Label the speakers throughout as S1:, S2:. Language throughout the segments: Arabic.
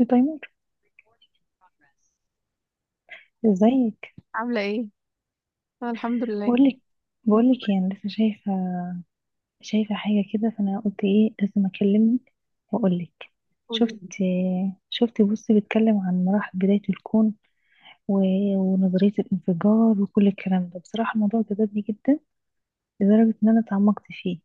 S1: التايمر. ازيك؟
S2: عاملة ايه؟ أنا الحمد لله.
S1: بقولك بقولك يعني لسه شايفة حاجة كده، فأنا قلت ايه، لازم أكلمك وأقولك.
S2: قولي.
S1: شفت شفت بص، بيتكلم عن مراحل بداية الكون و... ونظرية الانفجار وكل الكلام ده. بصراحة الموضوع جذبني جدا لدرجة إن أنا اتعمقت فيه.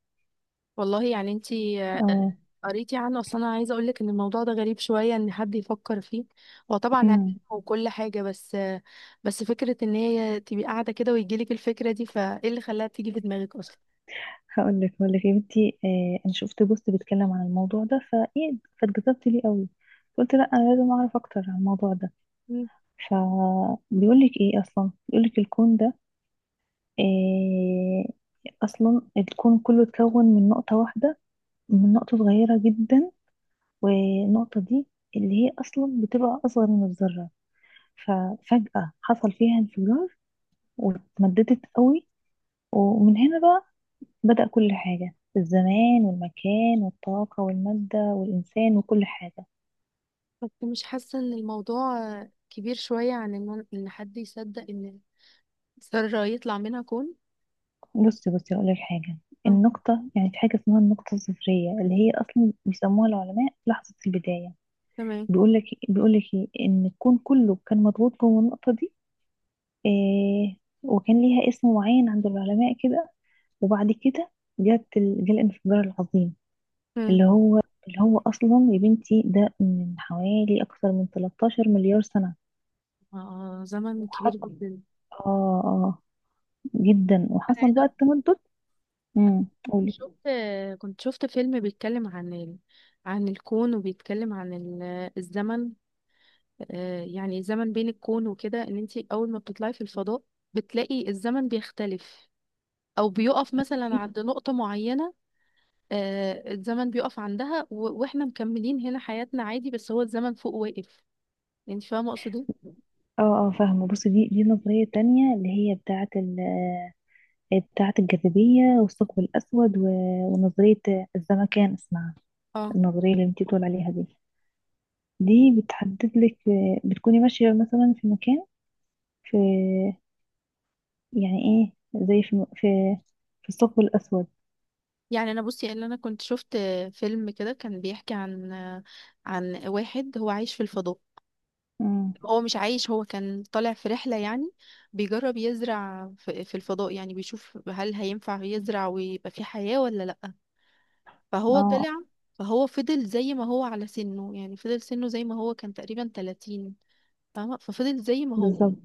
S2: والله يعني انتي
S1: اه.
S2: قريتي عنه، اصل انا عايزة اقولك ان الموضوع ده غريب شوية ان حد يفكر فيه. هو طبعا علم
S1: امم
S2: وكل حاجة، بس بس فكرة ان هي تبقي قاعدة كده ويجيلك الفكرة دي، فايه اللي خلاها تيجي في دماغك اصلا؟
S1: هقولك يا بنتي، أنا شفت بوست بيتكلم عن الموضوع ده فايه، فاتجذبت ليه قوي. قلت لا، أنا لازم أعرف أكتر عن الموضوع ده.
S2: مم.
S1: فبيقولك ايه اصلا، بيقولك الكون ده إيه. اصلا الكون كله اتكون من نقطة واحدة، من نقطة صغيرة جدا، والنقطة دي اللي هي اصلا بتبقى اصغر من الذرة. ففجأة حصل فيها انفجار واتمددت قوي، ومن هنا بقى بدأ كل حاجة، الزمان والمكان والطاقة والمادة والإنسان وكل حاجة.
S2: بس مش حاسة ان الموضوع كبير شوية عن ان حد يصدق ان ذرة يطلع منها كون.
S1: بصي بصي، هقول لك حاجه.
S2: مم.
S1: النقطه، يعني في حاجه اسمها النقطه الصفريه، اللي هي اصلا بيسموها العلماء لحظه البدايه.
S2: تمام.
S1: بيقول لك ايه، ان الكون كله كان مضغوط جوه النقطه دي. إيه. وكان ليها اسم معين عند العلماء كده، وبعد كده جه الانفجار العظيم،
S2: مم.
S1: اللي هو اللي هو اصلا يا بنتي ده من حوالي اكثر من 13 مليار سنه.
S2: آه، زمن كبير
S1: وحصل،
S2: جدا.
S1: اه، اه، جدا. وحصل بقى التمدد. قولي.
S2: شفت، كنت شفت فيلم بيتكلم عن عن الكون، وبيتكلم عن الزمن. يعني الزمن بين الكون وكده، ان انت اول ما بتطلعي في الفضاء بتلاقي الزمن بيختلف، او بيقف مثلا عند نقطة معينة. الزمن بيقف عندها واحنا مكملين هنا حياتنا عادي، بس هو الزمن فوق واقف. انت فاهمة اقصد ايه؟
S1: اه، اه، فاهمة. بصي، دي النظرية التانية اللي هي بتاعة الجاذبية والثقب الأسود، و- ونظرية الزمكان اسمها.
S2: اه.
S1: النظرية اللي انتي بتقول عليها دي، دي بتحدد لك. بتكوني ماشية مثلا في مكان، في، يعني ايه، زي في، في الثقب الأسود.
S2: يعني انا بصي اللي انا كنت شفت فيلم كده كان بيحكي عن عن واحد هو عايش في الفضاء.
S1: امم
S2: هو مش عايش، هو كان طالع في رحلة يعني، بيجرب يزرع في الفضاء، يعني بيشوف هل هينفع يزرع ويبقى في حياة ولا لأ. فهو
S1: اه،
S2: طلع. فهو فضل زي ما هو على سنه، يعني فضل سنه زي ما هو، كان تقريبا 30. فاهمة؟ ففضل زي ما هو.
S1: بالظبط.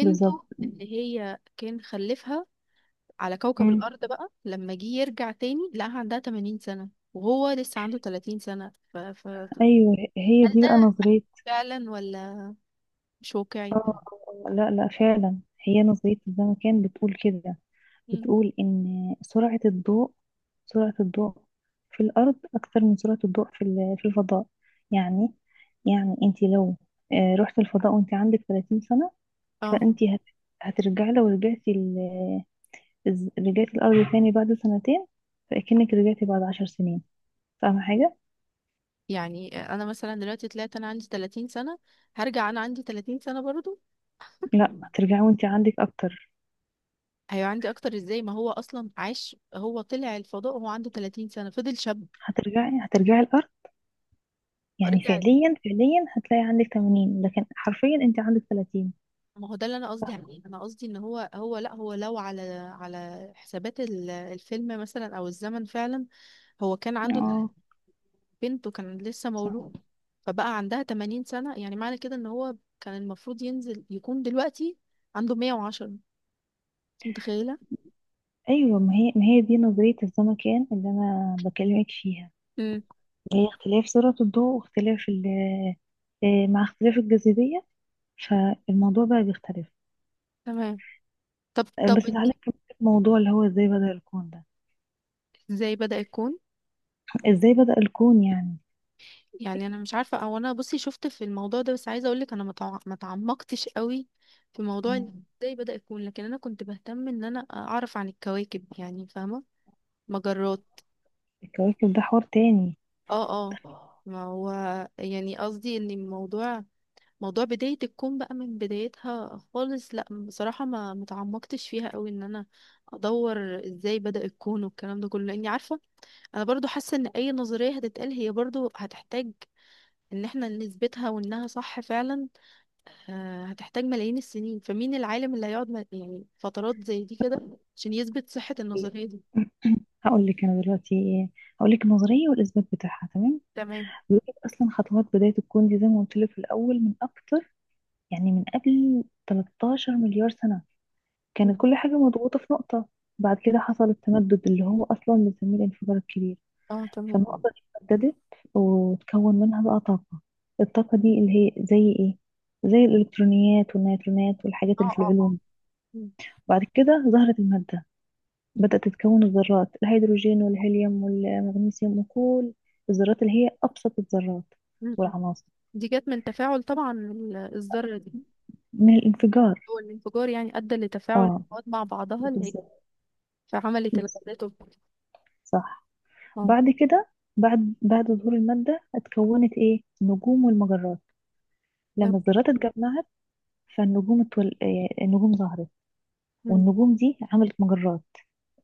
S1: بالظبط.
S2: اللي هي كان خلفها على كوكب
S1: امم
S2: الأرض، بقى لما جه يرجع تاني لقاها عندها 80 سنة وهو لسه عنده 30 سنة
S1: أيوه، هي
S2: هل
S1: دي
S2: ده
S1: بقى نظرية.
S2: فعلا ولا مش واقعي؟
S1: لا، لا، فعلا. هي نظرية الزمكان بتقول كده.
S2: مم.
S1: بتقول إن سرعة الضوء، سرعة الضوء في الأرض أكتر من سرعة الضوء في الفضاء. يعني، يعني أنت لو رحت الفضاء وأنت عندك 30 سنة،
S2: اه.
S1: فأنت هترجعي. لو رجعتي الأرض تاني بعد سنتين، فأكنك رجعتي بعد عشر سنين. فاهمة حاجة؟
S2: يعني انا مثلا دلوقتي طلعت انا عندي 30 سنة، هرجع انا عندي 30 سنة برضو؟
S1: لا، هترجعي وأنت عندك أكتر.
S2: هيبقى عندي اكتر ازاي، ما هو اصلا عاش؟ هو طلع الفضاء وهو عنده 30 سنة فضل شاب.
S1: هترجعي الأرض. يعني
S2: رجع.
S1: فعليا فعليا هتلاقي عندك 80، لكن حرفيا أنت عندك 30.
S2: ما هو ده اللي انا قصدي عليه، انا قصدي ان هو هو لا هو لو على على حسابات الفيلم مثلا، او الزمن فعلا، هو كان عنده
S1: اه،
S2: بنته كان لسه
S1: صح.
S2: مولود، فبقى عندها 80 سنة. يعني معنى كده ان هو كان المفروض ينزل يكون دلوقتي عنده 110. انت متخيلة؟
S1: ايوه، ما هي دي نظريه الزمكان اللي انا بكلمك فيها،
S2: امم.
S1: اللي هي اختلاف سرعه الضوء، واختلاف مع اختلاف الجاذبيه، فالموضوع بقى بيختلف.
S2: تمام. طب طب
S1: بس تعالى
S2: انتي
S1: نكمل الموضوع اللي هو ازاي بدأ الكون ده.
S2: ازاي بدأ يكون؟
S1: ازاي بدأ الكون يعني.
S2: يعني انا مش عارفه، او انا بصي شفت في الموضوع ده بس عايزه اقول لك انا ما تعمقتش قوي في موضوع
S1: مم.
S2: ان ازاي بدأ يكون. لكن انا كنت بهتم ان انا اعرف عن الكواكب، يعني فاهمه؟ مجرات.
S1: الكواكب ده حوار تاني.
S2: اه اه. ما هو، يعني قصدي ان الموضوع، موضوع بدايه الكون بقى من بدايتها خالص، لا بصراحه ما تعمقتش فيها قوي ان انا ادور ازاي بدأ الكون والكلام ده كله، لاني عارفه انا برضو حاسه ان اي نظريه هتتقال هي برضو هتحتاج ان احنا نثبتها وانها صح فعلا. هتحتاج ملايين السنين، فمين العالم اللي هيقعد يعني فترات زي دي كده عشان يثبت صحة النظرية دي؟
S1: هقول لك انا دلوقتي إيه. هقول لك النظريه والاثبات بتاعها، تمام.
S2: تمام.
S1: بيقول لك اصلا خطوات بدايه الكون دي زي ما قلت لك في الاول، من اكتر، يعني من قبل 13 مليار سنه،
S2: مم.
S1: كانت كل حاجة مضغوطة في نقطة. بعد كده حصل التمدد اللي هو أصلا بنسميه الانفجار الكبير.
S2: اه تمام اه.
S1: فالنقطة دي اتمددت، وتكون منها بقى طاقة. الطاقة دي اللي هي زي إيه؟ زي الإلكترونيات والنيوترونات والحاجات
S2: اه
S1: اللي في
S2: اه.
S1: العلوم.
S2: مم.
S1: بعد كده ظهرت المادة، بدأت تتكون الذرات، الهيدروجين والهيليوم والمغنيسيوم وكل الذرات اللي هي أبسط الذرات
S2: مم.
S1: والعناصر.
S2: دي جت من تفاعل طبعا الذرة دي.
S1: من الانفجار.
S2: هو الانفجار يعني ادى لتفاعل
S1: اه،
S2: المواد مع بعضها اللي هي،
S1: بالظبط.
S2: فعملت
S1: بالظبط.
S2: الغازات
S1: صح.
S2: اه.
S1: بعد كده، بعد ظهور المادة اتكونت ايه، النجوم والمجرات،
S2: طب.
S1: لما الذرات اتجمعت. فالنجوم اتول... آه، النجوم ظهرت،
S2: مم.
S1: والنجوم دي عملت مجرات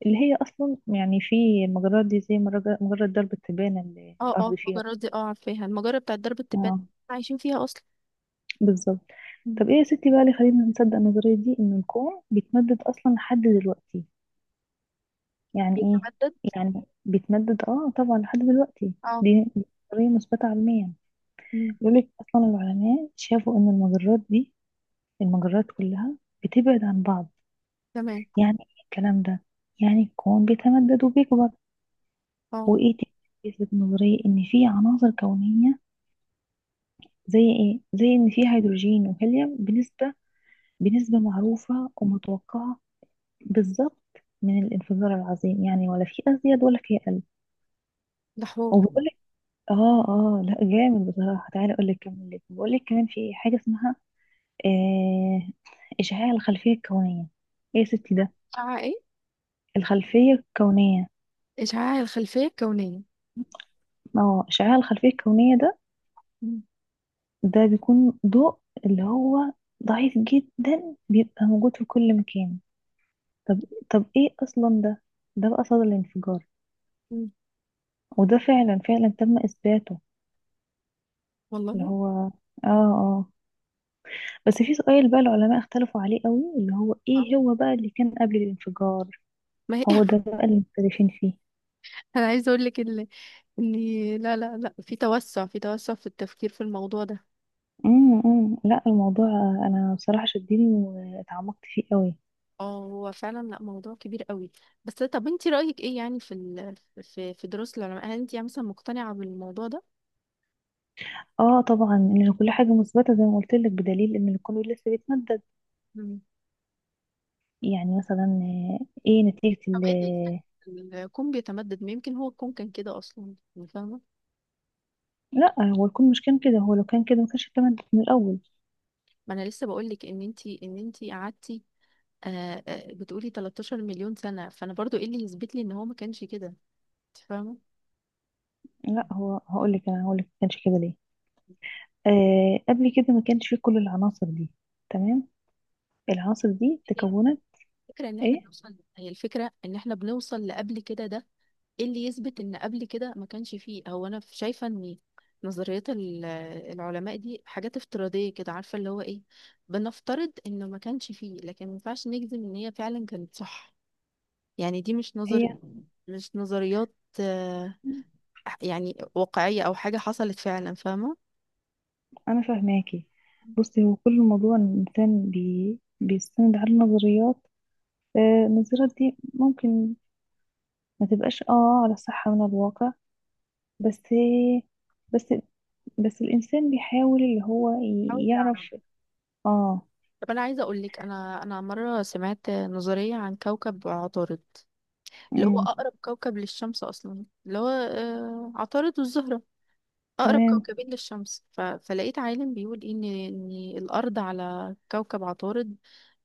S1: اللي هي اصلا يعني في. المجرات دي زي مجرة درب التبانة اللي
S2: اه
S1: الارض
S2: اه.
S1: فيها.
S2: المجرات دي اه عارفاها، المجرة بتاعت درب التبان،
S1: اه،
S2: عايشين فيها اصلا.
S1: بالظبط.
S2: مم.
S1: طب، ايه يا ستي بقى اللي خلينا نصدق النظرية دي، ان الكون بيتمدد اصلا لحد دلوقتي؟ يعني ايه،
S2: بتتمدد.
S1: يعني بيتمدد، اه طبعا لحد دلوقتي.
S2: اه.
S1: دي نظرية مثبتة علميا.
S2: مم.
S1: يقولك اصلا العلماء شافوا ان المجرات دي، المجرات كلها بتبعد عن بعض.
S2: تمام.
S1: يعني ايه الكلام ده؟ يعني الكون بيتمدد وبيكبر.
S2: اه.
S1: وايه تاني بيثبت النظرية؟ ان في عناصر كونية، زي ايه، زي ان في هيدروجين وهيليوم بنسبة معروفة ومتوقعة، بالظبط، من الانفجار العظيم، يعني ولا في ازيد ولا في اقل.
S2: ده حوار.
S1: وبيقول لك، اه، اه، لا جامد بصراحة. تعالى اقول لك كمان، بقول لك كمان في حاجة اسمها، آه اشعاع الخلفية الكونية. ايه يا ستي ده،
S2: إشعاع إيه؟
S1: الخلفية الكونية؟
S2: إشعاع الخلفية الكونية.
S1: ما هو اشعاع الخلفية الكونية ده،
S2: مم.
S1: ده بيكون ضوء اللي هو ضعيف جدا بيبقى موجود في كل مكان. طب، طب، ايه اصلا ده؟ ده بقى صدى الانفجار.
S2: مم.
S1: وده فعلا فعلا تم اثباته، اللي
S2: والله.
S1: هو اه، اه. بس في سؤال بقى العلماء اختلفوا عليه قوي، اللي هو
S2: آه.
S1: ايه هو بقى اللي كان قبل الانفجار.
S2: ما هي
S1: هو ده بقى اللي مختلفين فيه.
S2: أنا عايزة أقول لك إن إن لا لا لا، في توسع في التفكير في الموضوع ده.
S1: أمم. لا، الموضوع، انا بصراحة شدني واتعمقت فيه قوي.
S2: اه، هو فعلا، لا موضوع كبير قوي. بس طب انت رأيك ايه يعني في في دروس العلماء، هل انت يعني مثلا مقتنعة بالموضوع ده؟
S1: اه، طبعا، ان كل حاجة مثبتة زي ما قلت لك، بدليل ان الكون لسه بيتمدد.
S2: مم.
S1: يعني مثلا، ايه نتيجة
S2: طب
S1: ال.
S2: ايه اللي يخلي الكون بيتمدد، ما يمكن هو الكون كان كده اصلا، يعني فاهمة؟
S1: لا، هو الكون مش كان كده، هو لو كان كده ما كانش التمدد من الأول.
S2: ما انا لسه بقول لك ان انت قعدتي، بتقولي 13 مليون سنة، فأنا برضو إيه اللي يثبت لي إن هو ما كانش كده؟ أنت فاهمة؟
S1: لا، هو هقول لك ما كانش كده ليه. قبل كده ما كانش فيه كل العناصر دي. تمام. العناصر دي
S2: هي
S1: تكونت
S2: الفكرة إن إحنا
S1: ايه،
S2: بنوصل، هي الفكرة إن إحنا بنوصل لقبل كده ده، إيه اللي يثبت إن قبل كده ما كانش فيه؟ هو أنا شايفة إن نظريات العلماء دي حاجات افتراضية كده، عارفة اللي هو إيه، بنفترض إنه ما كانش فيه، لكن ما ينفعش نجزم إن هي فعلا كانت صح. يعني دي
S1: هي.
S2: مش نظريات، آه، يعني واقعية أو حاجة حصلت فعلا، فاهمة؟
S1: انا فاهماكي. بصي، هو كل الموضوع إن الانسان بيستند على النظريات. النظريات دي ممكن ما تبقاش، اه، على صحة من الواقع. بس، بس، بس الانسان بيحاول اللي هو يعرف، اه.
S2: طب انا عايزه اقول لك، انا مره سمعت نظريه عن كوكب عطارد، اللي هو
S1: امم
S2: اقرب كوكب للشمس اصلا، اللي هو عطارد والزهره، اقرب
S1: تمام.
S2: كوكبين للشمس. فلقيت عالم بيقول إيه ان ان الارض على كوكب عطارد،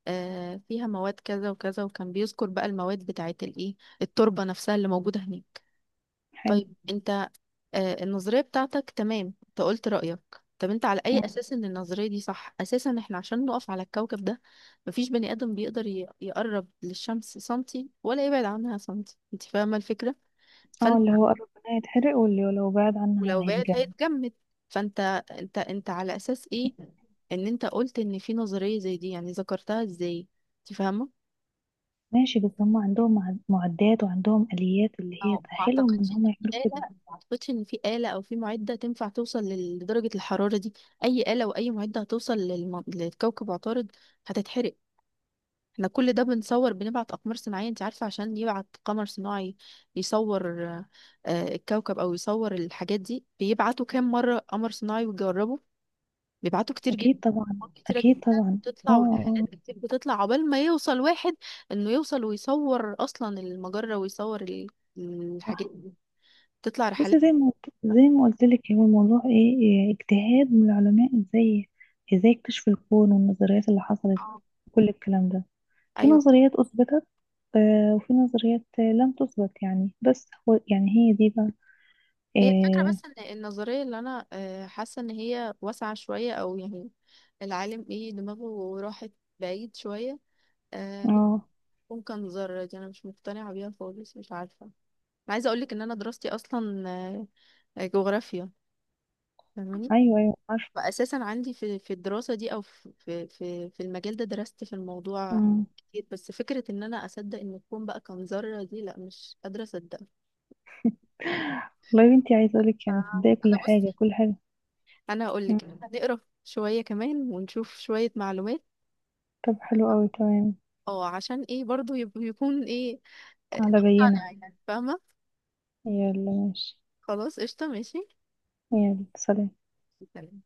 S2: فيها مواد كذا وكذا، وكان بيذكر بقى المواد بتاعت الايه، التربه نفسها اللي موجوده هناك.
S1: حلو.
S2: طيب، انت النظرية بتاعتك تمام، انت قلت رأيك. طب انت على اي
S1: مم.
S2: اساس ان النظرية دي صح؟ اساسا احنا عشان نقف على الكوكب ده، مفيش بني ادم بيقدر يقرب للشمس سنتي ولا يبعد عنها سنتي. انت فاهمة الفكرة؟
S1: اه،
S2: فانت،
S1: اللي هو قرب منها يتحرق، واللي لو بعد عنها
S2: ولو بعد
S1: هيتجنن.
S2: هيتجمد. فانت، انت على اساس ايه ان انت قلت ان في نظرية زي دي يعني؟ ذكرتها ازاي؟ انت فاهمة؟
S1: ماشي، بس هم عندهم معدات وعندهم آليات اللي هي
S2: اه. ما
S1: تأهلهم ان
S2: اعتقدش إن
S1: هم يعملوا
S2: في آلة.
S1: كده.
S2: ما اعتقدش ان في آلة او في معدة تنفع توصل لدرجة الحرارة دي. اي آلة واي معدة هتوصل لكوكب عطارد هتتحرق. احنا كل ده بنصور، بنبعت اقمار صناعية. انت عارفة عشان يبعت قمر صناعي يصور الكوكب او يصور الحاجات دي بيبعتوا كام مرة قمر صناعي ويجربوا؟ بيبعتوا كتير
S1: اكيد
S2: جدا،
S1: طبعا.
S2: أقمار كتيرة
S1: اكيد
S2: جدا
S1: طبعا. اه،
S2: بتطلع، والإعلانات
S1: اه،
S2: كتير بتطلع عقبال ما يوصل واحد إنه يوصل ويصور أصلا المجرة ويصور
S1: صح.
S2: الحاجات. تطلع رحلات.
S1: بصي، زي ما قلت لك، هو الموضوع ايه، اجتهاد من العلماء، ازاي اكتشفوا الكون والنظريات اللي حصلت.
S2: آه.
S1: كل الكلام ده، في
S2: ايوه،
S1: نظريات اثبتت، وفي نظريات لم تثبت يعني. بس هو يعني هي دي بقى،
S2: هي الفكره
S1: آه،
S2: بس ان النظريه، اللي انا حاسه ان هي واسعه شويه، او يعني العالم ايه دماغه راحت بعيد شويه. آه،
S1: اه.
S2: ممكن ذره دي، انا مش مقتنعه بيها خالص. مش عارفه، أنا عايزه اقولك ان انا دراستي اصلا جغرافيا، فاهماني؟
S1: ايوه، ايوه، عارفه.
S2: فاساسا عندي في الدراسه دي، او في المجال ده، درست في الموضوع
S1: أمم.
S2: كتير. بس فكره ان انا اصدق ان الكون بقى كان ذره دي، لا مش قادره اصدقها.
S1: والله يا بنتي، عايزه اقولك يعني
S2: آه.
S1: تصدقي كل
S2: انا بص،
S1: حاجه كل حاجه.
S2: انا اقول
S1: أمم.
S2: لك هنقرا شويه كمان ونشوف شويه معلومات،
S1: طب، حلو قوي، تمام.
S2: اه عشان ايه برضو يكون ايه،
S1: على بينا،
S2: نقتنع يعني، فاهمه؟
S1: يلا ماشي.
S2: خلاص قشطه، ماشي.
S1: يلا، سلام.
S2: سلام.